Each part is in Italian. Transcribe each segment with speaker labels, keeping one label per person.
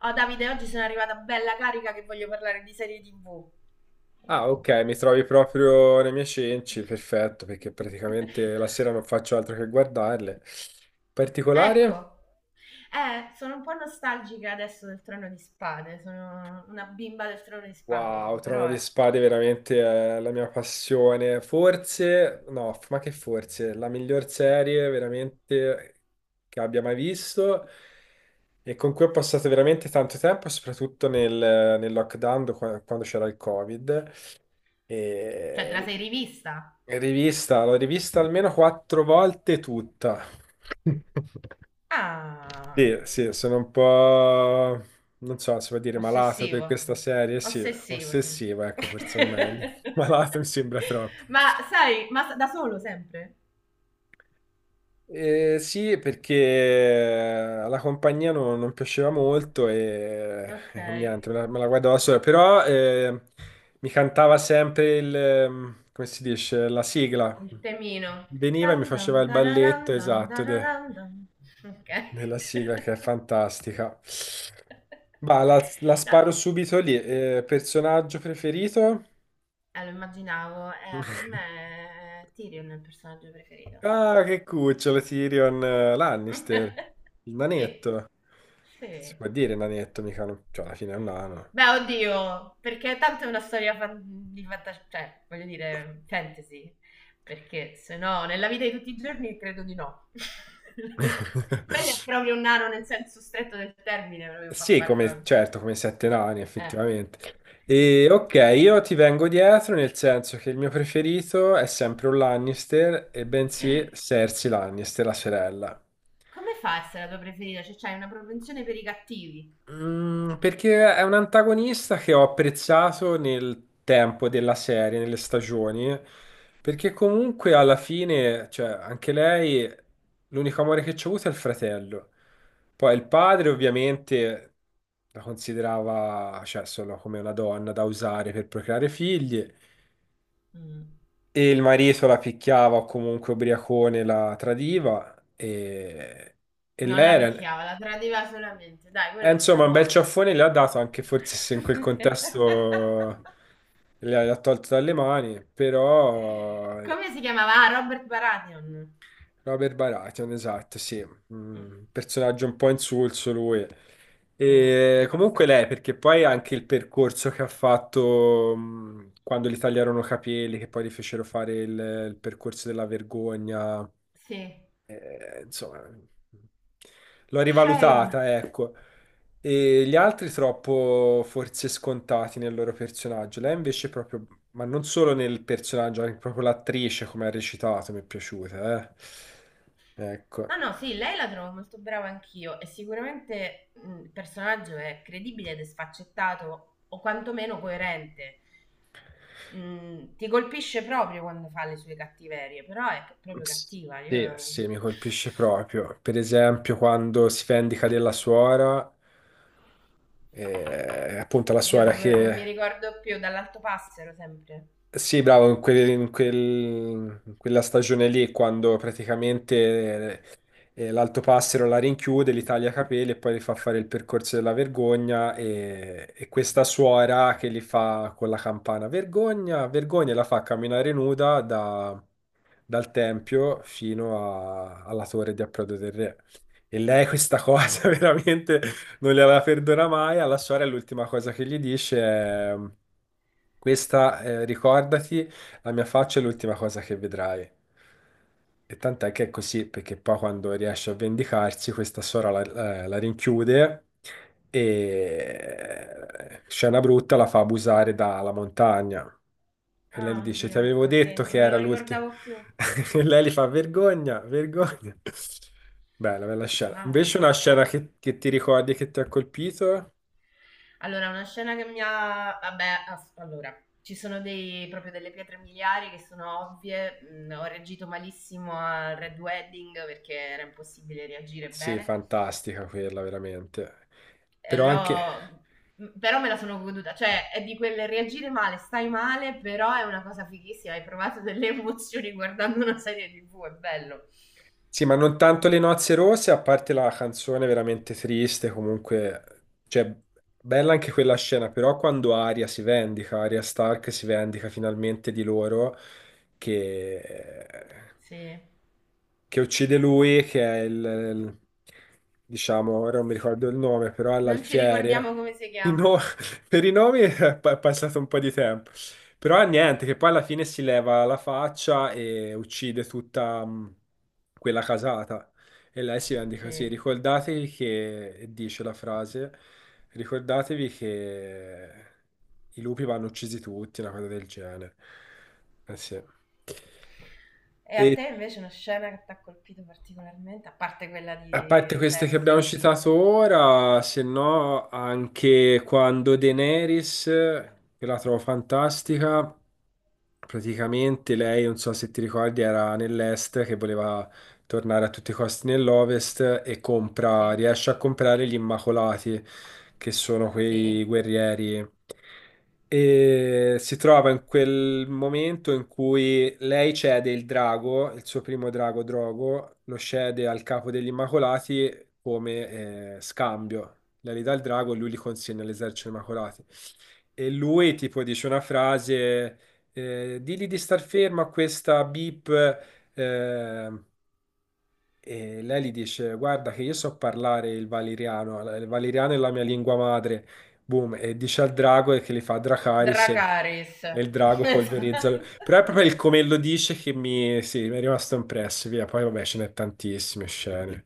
Speaker 1: Oh Davide, oggi sono arrivata bella carica che voglio parlare di serie TV.
Speaker 2: Ah, ok, mi trovi proprio nei miei cenci, perfetto, perché praticamente la sera non faccio altro che guardarle. Particolare?
Speaker 1: Ecco, sono un po' nostalgica adesso del Trono di Spade, sono una bimba del Trono di Spade
Speaker 2: Wow,
Speaker 1: io,
Speaker 2: Trono
Speaker 1: però...
Speaker 2: di
Speaker 1: eh.
Speaker 2: Spade veramente è la mia passione. Forse, no, ma che forse, la miglior serie veramente che abbia mai visto e con cui ho passato veramente tanto tempo, soprattutto nel lockdown, quando c'era il Covid.
Speaker 1: Cioè, te la
Speaker 2: E
Speaker 1: sei rivista?
Speaker 2: l'ho rivista almeno quattro volte tutta.
Speaker 1: Ah,
Speaker 2: Sì, sì, sono un po', non so se vuol dire malato per
Speaker 1: ossessivo.
Speaker 2: questa serie, sì,
Speaker 1: Ossessivo, sì.
Speaker 2: ossessiva, ecco, forse è meglio. Malato mi sembra troppo.
Speaker 1: Ma sai, ma da solo sempre?
Speaker 2: Sì, perché alla compagnia non piaceva molto e,
Speaker 1: Ok.
Speaker 2: e niente, me la guardavo da sola, però mi cantava sempre il, come si dice, la sigla.
Speaker 1: Il temino.
Speaker 2: Veniva e mi
Speaker 1: Tan tan
Speaker 2: faceva il balletto,
Speaker 1: tararam, tan
Speaker 2: esatto,
Speaker 1: tararam, tan. Ok.
Speaker 2: della sigla che è fantastica. Ma la
Speaker 1: No,
Speaker 2: sparo subito lì. Personaggio preferito?
Speaker 1: lo immaginavo, per me Tyrion è il personaggio preferito.
Speaker 2: Ah, che cucciolo, Tyrion Lannister, il
Speaker 1: Sì,
Speaker 2: nanetto. Si
Speaker 1: sì.
Speaker 2: può dire nanetto, mica cioè, alla fine è un nano.
Speaker 1: Beh, oddio, perché tanto è una storia di fantascienza, cioè, voglio dire, fantasy, perché se no, nella vita di tutti i giorni credo di no. Quello è proprio un nano nel senso stretto del termine, proprio
Speaker 2: Sì, come, certo, come sette nani,
Speaker 1: Eh,
Speaker 2: effettivamente.
Speaker 1: sì.
Speaker 2: E ok, io ti vengo dietro nel senso che il mio preferito è sempre un Lannister, e bensì Cersei Lannister, la sorella.
Speaker 1: Come fa a essere la tua preferita? Cioè, c'hai una propensione per i cattivi.
Speaker 2: Perché è un antagonista che ho apprezzato nel tempo della serie, nelle stagioni, perché comunque alla fine, cioè, anche lei, l'unico amore che c'ha avuto è il fratello. Poi il padre ovviamente la considerava, cioè, solo come una donna da usare per procreare figli,
Speaker 1: Mm.
Speaker 2: e il marito la picchiava o comunque ubriacone la tradiva, e
Speaker 1: Non la
Speaker 2: lei era...
Speaker 1: picchiava, la tradiva solamente. Dai, quello è un
Speaker 2: Insomma,
Speaker 1: bravo
Speaker 2: un bel
Speaker 1: uomo.
Speaker 2: ciaffone le ha dato anche forse se in quel contesto le ha tolto dalle mani, però
Speaker 1: Come si chiamava? Ah, Robert Baratheon.
Speaker 2: Robert Baratheon, esatto, sì.
Speaker 1: Mm,
Speaker 2: Personaggio un po' insulso lui.
Speaker 1: mm,
Speaker 2: E comunque
Speaker 1: abbastanza.
Speaker 2: lei, perché poi anche il percorso che ha fatto quando gli tagliarono i capelli, che poi gli fecero fare il percorso della vergogna,
Speaker 1: Sì.
Speaker 2: insomma, l'ho
Speaker 1: Shame.
Speaker 2: rivalutata, ecco. E gli altri troppo forse scontati nel loro personaggio, lei invece è proprio ma non solo nel personaggio, anche proprio l'attrice come ha recitato mi è piaciuta, eh.
Speaker 1: No,
Speaker 2: Ecco.
Speaker 1: no, sì, lei la trovo molto brava anch'io e sicuramente il personaggio è credibile ed è sfaccettato o quantomeno coerente. Mm, ti colpisce proprio quando fa le sue cattiverie, però è proprio cattiva.
Speaker 2: Sì,
Speaker 1: Io...
Speaker 2: sì, mi colpisce proprio. Per esempio, quando si vendica della suora, appunto la
Speaker 1: Oddio,
Speaker 2: suora
Speaker 1: non mi
Speaker 2: che
Speaker 1: ricordo più, dall'alto passero sempre.
Speaker 2: sì, bravo, in quella stagione lì, quando praticamente l'Alto Passero la rinchiude, li taglia i capelli e poi li fa fare il percorso della vergogna e questa suora che li fa con la campana vergogna, vergogna, e la fa camminare nuda dal Tempio fino alla torre di approdo del re. E lei questa
Speaker 1: Sì.
Speaker 2: cosa veramente non gliela perdona mai. Alla sorella l'ultima cosa che gli dice è questa, ricordati, la mia faccia è l'ultima cosa che vedrai. E tant'è che è così, perché poi quando riesce a vendicarsi, questa sorella la rinchiude e scena brutta la fa abusare dalla montagna. E lei gli
Speaker 1: Ah,
Speaker 2: dice, ti
Speaker 1: oddio,
Speaker 2: avevo
Speaker 1: ecco,
Speaker 2: detto
Speaker 1: sì,
Speaker 2: che
Speaker 1: non me
Speaker 2: era
Speaker 1: lo
Speaker 2: l'ultimo.
Speaker 1: ricordavo più.
Speaker 2: E lei gli fa, vergogna, vergogna. Bella, bella scena.
Speaker 1: Ma
Speaker 2: Invece una scena che ti ricordi e che ti ha colpito?
Speaker 1: Allora, una scena che mi ha... Vabbè, allora, ci sono proprio delle pietre miliari che sono ovvie. Mm, ho reagito malissimo al Red Wedding perché era impossibile reagire
Speaker 2: Sì,
Speaker 1: bene.
Speaker 2: fantastica quella, veramente.
Speaker 1: Eh,
Speaker 2: Però anche...
Speaker 1: l'ho- Però me la sono goduta. Cioè, è di quel reagire male, stai male, però è una cosa fighissima. Hai provato delle emozioni guardando una serie TV, è bello.
Speaker 2: Sì, ma non tanto le nozze rosse, a parte la canzone veramente triste, comunque, cioè, bella anche quella scena, però quando Arya si vendica, Arya Stark si vendica finalmente di loro, che,
Speaker 1: Sì.
Speaker 2: che uccide lui, che è diciamo, ora non mi ricordo il nome, però è
Speaker 1: Non ci
Speaker 2: l'alfiere.
Speaker 1: ricordiamo come si chiama,
Speaker 2: No,
Speaker 1: sì.
Speaker 2: per i nomi è pa- è passato un po' di tempo, però niente, che poi alla fine si leva la faccia e uccide tutta quella casata e lei si rende così,
Speaker 1: Sì.
Speaker 2: ricordatevi che, e dice la frase, ricordatevi che i lupi vanno uccisi tutti, una cosa del genere. Eh sì.
Speaker 1: E a
Speaker 2: E,
Speaker 1: te invece una scena che ti ha colpito particolarmente, a parte quella
Speaker 2: A
Speaker 1: di
Speaker 2: parte queste che abbiamo
Speaker 1: Cersei?
Speaker 2: citato ora, se no anche quando Daenerys, che la trovo fantastica, praticamente lei, non so se ti ricordi, era nell'est che voleva tornare a tutti i costi nell'ovest e
Speaker 1: Sì?
Speaker 2: riesce a comprare gli Immacolati, che sono quei
Speaker 1: Sì?
Speaker 2: guerrieri. E si trova in quel momento in cui lei cede il drago, il suo primo drago Drogo, lo cede al capo degli Immacolati come scambio. Lei gli dà il drago e lui li consegna all'esercito degli Immacolati. E lui tipo dice una frase, digli di star fermo a questa bip eh, e lei gli dice: Guarda, che io so parlare il valeriano è la mia lingua madre. Boom, e dice al drago e che li fa Dracaris e
Speaker 1: Dracaris.
Speaker 2: e il drago polverizza. Però è proprio il come lo dice che mi, sì, mi è rimasto impresso. Via, poi vabbè, ce n'è tantissime scene,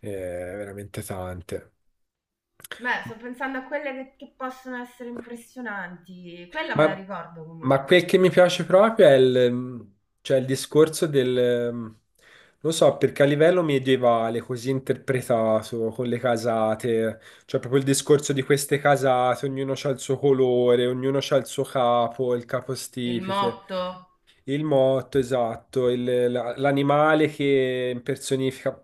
Speaker 2: Veramente tante.
Speaker 1: Beh, sto pensando a quelle che possono essere impressionanti. Quella me la
Speaker 2: Ma,
Speaker 1: ricordo
Speaker 2: ma
Speaker 1: comunque.
Speaker 2: quel che mi piace proprio è il, cioè il discorso del, non so, perché a livello medievale, così interpretato, con le casate, cioè proprio il discorso di queste casate, ognuno ha il suo colore, ognuno ha il suo capo, il
Speaker 1: Il
Speaker 2: capostipite.
Speaker 1: motto.
Speaker 2: Il motto, esatto, l'animale che impersonifica.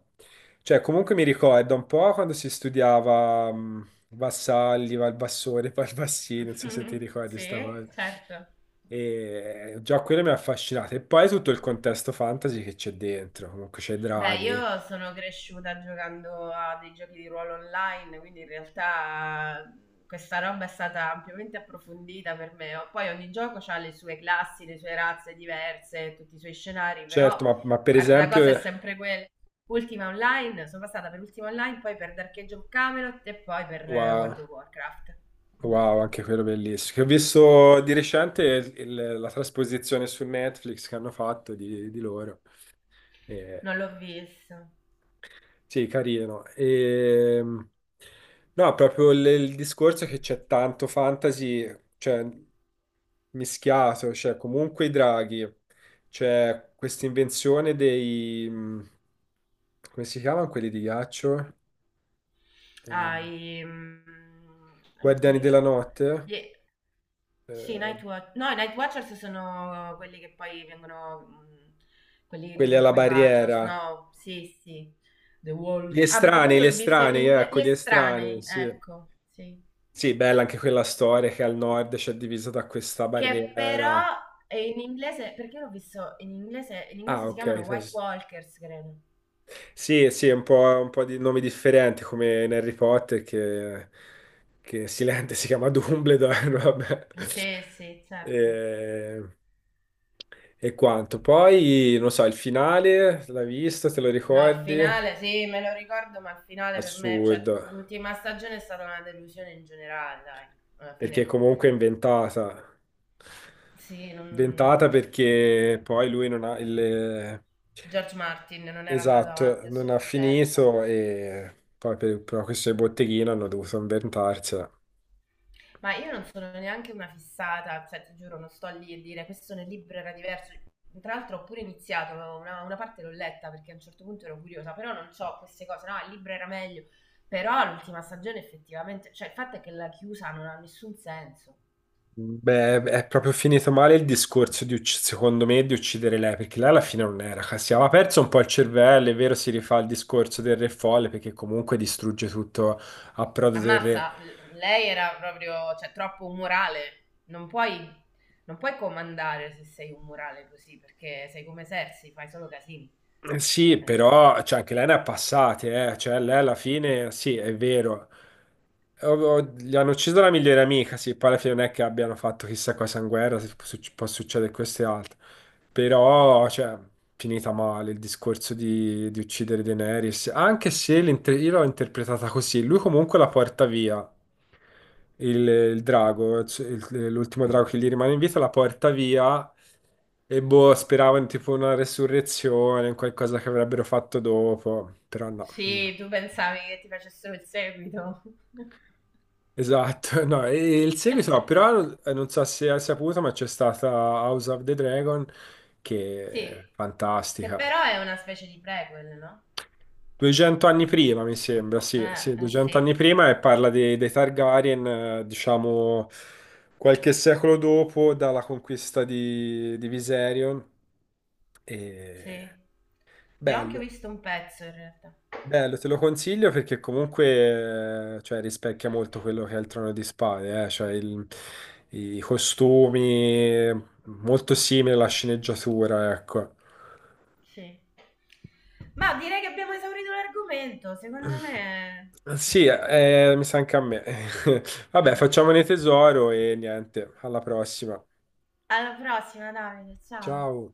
Speaker 2: Cioè, comunque mi ricorda un po' quando si studiava Vassalli, Valbassore, Valbassino, non so se ti ricordi sta
Speaker 1: Sì,
Speaker 2: cosa.
Speaker 1: certo.
Speaker 2: E già quello mi ha affascinato. E poi tutto il contesto fantasy che c'è dentro, comunque c'è
Speaker 1: Beh,
Speaker 2: Draghi.
Speaker 1: io sono cresciuta giocando a dei giochi di ruolo online, quindi in realtà questa roba è stata ampiamente approfondita per me. Poi ogni gioco ha le sue classi, le sue razze diverse, tutti i suoi scenari, però
Speaker 2: Certo, ma per
Speaker 1: guarda, la
Speaker 2: esempio,
Speaker 1: cosa è sempre quella. Ultima Online, sono passata per Ultima Online, poi per Dark Age of Camelot e poi per
Speaker 2: wow,
Speaker 1: World of Warcraft. Mm.
Speaker 2: wow, anche quello bellissimo. Che ho visto di recente la trasposizione su Netflix che hanno fatto di loro.
Speaker 1: Non l'ho visto.
Speaker 2: Sì, carino. No, proprio il discorso è che c'è tanto fantasy, cioè mischiato, cioè comunque i draghi, c'è questa invenzione dei come si chiamano quelli di ghiaccio?
Speaker 1: Ah,
Speaker 2: Eh,
Speaker 1: i mhmm,
Speaker 2: Guardiani della
Speaker 1: oddio.
Speaker 2: notte?
Speaker 1: Gli Sì,
Speaker 2: Eh,
Speaker 1: Nightwa no, i Nightwatchers sono quelli che poi vengono mhmm, quelli
Speaker 2: quelli
Speaker 1: dove
Speaker 2: alla
Speaker 1: poi va Jon
Speaker 2: barriera.
Speaker 1: Snow. Sì, sì. The Wall. Ah, perché poi io
Speaker 2: Gli
Speaker 1: l'ho vista in
Speaker 2: estranei,
Speaker 1: ingle Gli
Speaker 2: ecco, gli estranei,
Speaker 1: Estranei,
Speaker 2: sì.
Speaker 1: ecco, sì.
Speaker 2: Sì, bella anche quella storia che al nord c'è divisa da questa
Speaker 1: Che
Speaker 2: barriera.
Speaker 1: però è in inglese perché l'ho visto in
Speaker 2: Ah,
Speaker 1: inglese si
Speaker 2: ok.
Speaker 1: chiamano
Speaker 2: Sì, sì,
Speaker 1: White
Speaker 2: sì.
Speaker 1: Walkers credo.
Speaker 2: Sì, sì, è un po', di nomi differenti come in Harry Potter che Silente si chiama Dumbledore, vabbè.
Speaker 1: Sì, sì, certo.
Speaker 2: E, e quanto. Poi, non so, il finale, l'hai visto, te lo
Speaker 1: No, il
Speaker 2: ricordi?
Speaker 1: finale sì, me lo ricordo, ma il finale per me, cioè
Speaker 2: Assurdo.
Speaker 1: l'ultima stagione è stata una delusione in generale, dai, alla
Speaker 2: Perché
Speaker 1: fine.
Speaker 2: comunque è inventata.
Speaker 1: Sì,
Speaker 2: Inventata
Speaker 1: non...
Speaker 2: perché poi lui non ha il.
Speaker 1: George Martin non era andato avanti
Speaker 2: Esatto,
Speaker 1: a
Speaker 2: non ha
Speaker 1: sufficienza.
Speaker 2: finito e poi per questo del botteghino hanno dovuto inventarsela.
Speaker 1: Ma io non sono neanche una fissata, cioè ti giuro, non sto lì a dire questo nel libro era diverso. Tra l'altro ho pure iniziato, una parte l'ho letta perché a un certo punto ero curiosa, però non ho queste cose, no, il libro era meglio. Però l'ultima stagione effettivamente, cioè il fatto è che la chiusa non ha nessun senso.
Speaker 2: Beh, è proprio finito male il discorso di, secondo me, di uccidere lei, perché lei alla fine non era, si aveva perso un po' il cervello, è vero, si rifà il discorso del re folle, perché comunque distrugge tutto a prodo del re.
Speaker 1: Ammazza, lei era proprio, cioè, troppo umorale. Non puoi comandare se sei umorale così, perché sei come Sersi, fai solo casini.
Speaker 2: Sì,
Speaker 1: Eh,
Speaker 2: però cioè, anche lei ne ha passate, eh. Cioè, lei alla fine, sì, è vero. Gli hanno ucciso la migliore amica, sì, poi alla fine non è che abbiano fatto chissà cosa in guerra, se fu- suc- può succedere questo e altro.
Speaker 1: eh.
Speaker 2: Però, cioè, finita male il discorso di, uccidere Daenerys, anche se io l'ho interpretata così, lui comunque la porta via, il drago, cioè l'ultimo drago che gli rimane in vita la porta via e boh, speravo in tipo una resurrezione, in qualcosa che avrebbero fatto dopo, però no.
Speaker 1: Sì, tu pensavi che ti facessero il seguito.
Speaker 2: Esatto, no, e il seguito no, però non so se hai saputo, ma c'è stata House of the Dragon che
Speaker 1: Sì,
Speaker 2: è
Speaker 1: che
Speaker 2: fantastica.
Speaker 1: però è una specie di prequel, no?
Speaker 2: 200 anni prima, mi sembra, sì, sì, 200
Speaker 1: Sì,
Speaker 2: anni prima e parla dei Targaryen, diciamo, qualche secolo dopo, dalla conquista di, Viserion. E.
Speaker 1: sì. Ne ho anche
Speaker 2: Bello,
Speaker 1: visto un pezzo in realtà.
Speaker 2: bello, te lo consiglio perché comunque, cioè, rispecchia molto quello che è il Trono di Spade, cioè i costumi, molto simile alla sceneggiatura, ecco.
Speaker 1: Sì. Ma direi che abbiamo esaurito l'argomento, secondo me.
Speaker 2: Sì, mi sa anche a me. Vabbè, facciamone tesoro e niente, alla prossima.
Speaker 1: Alla prossima Davide, ciao.
Speaker 2: Ciao.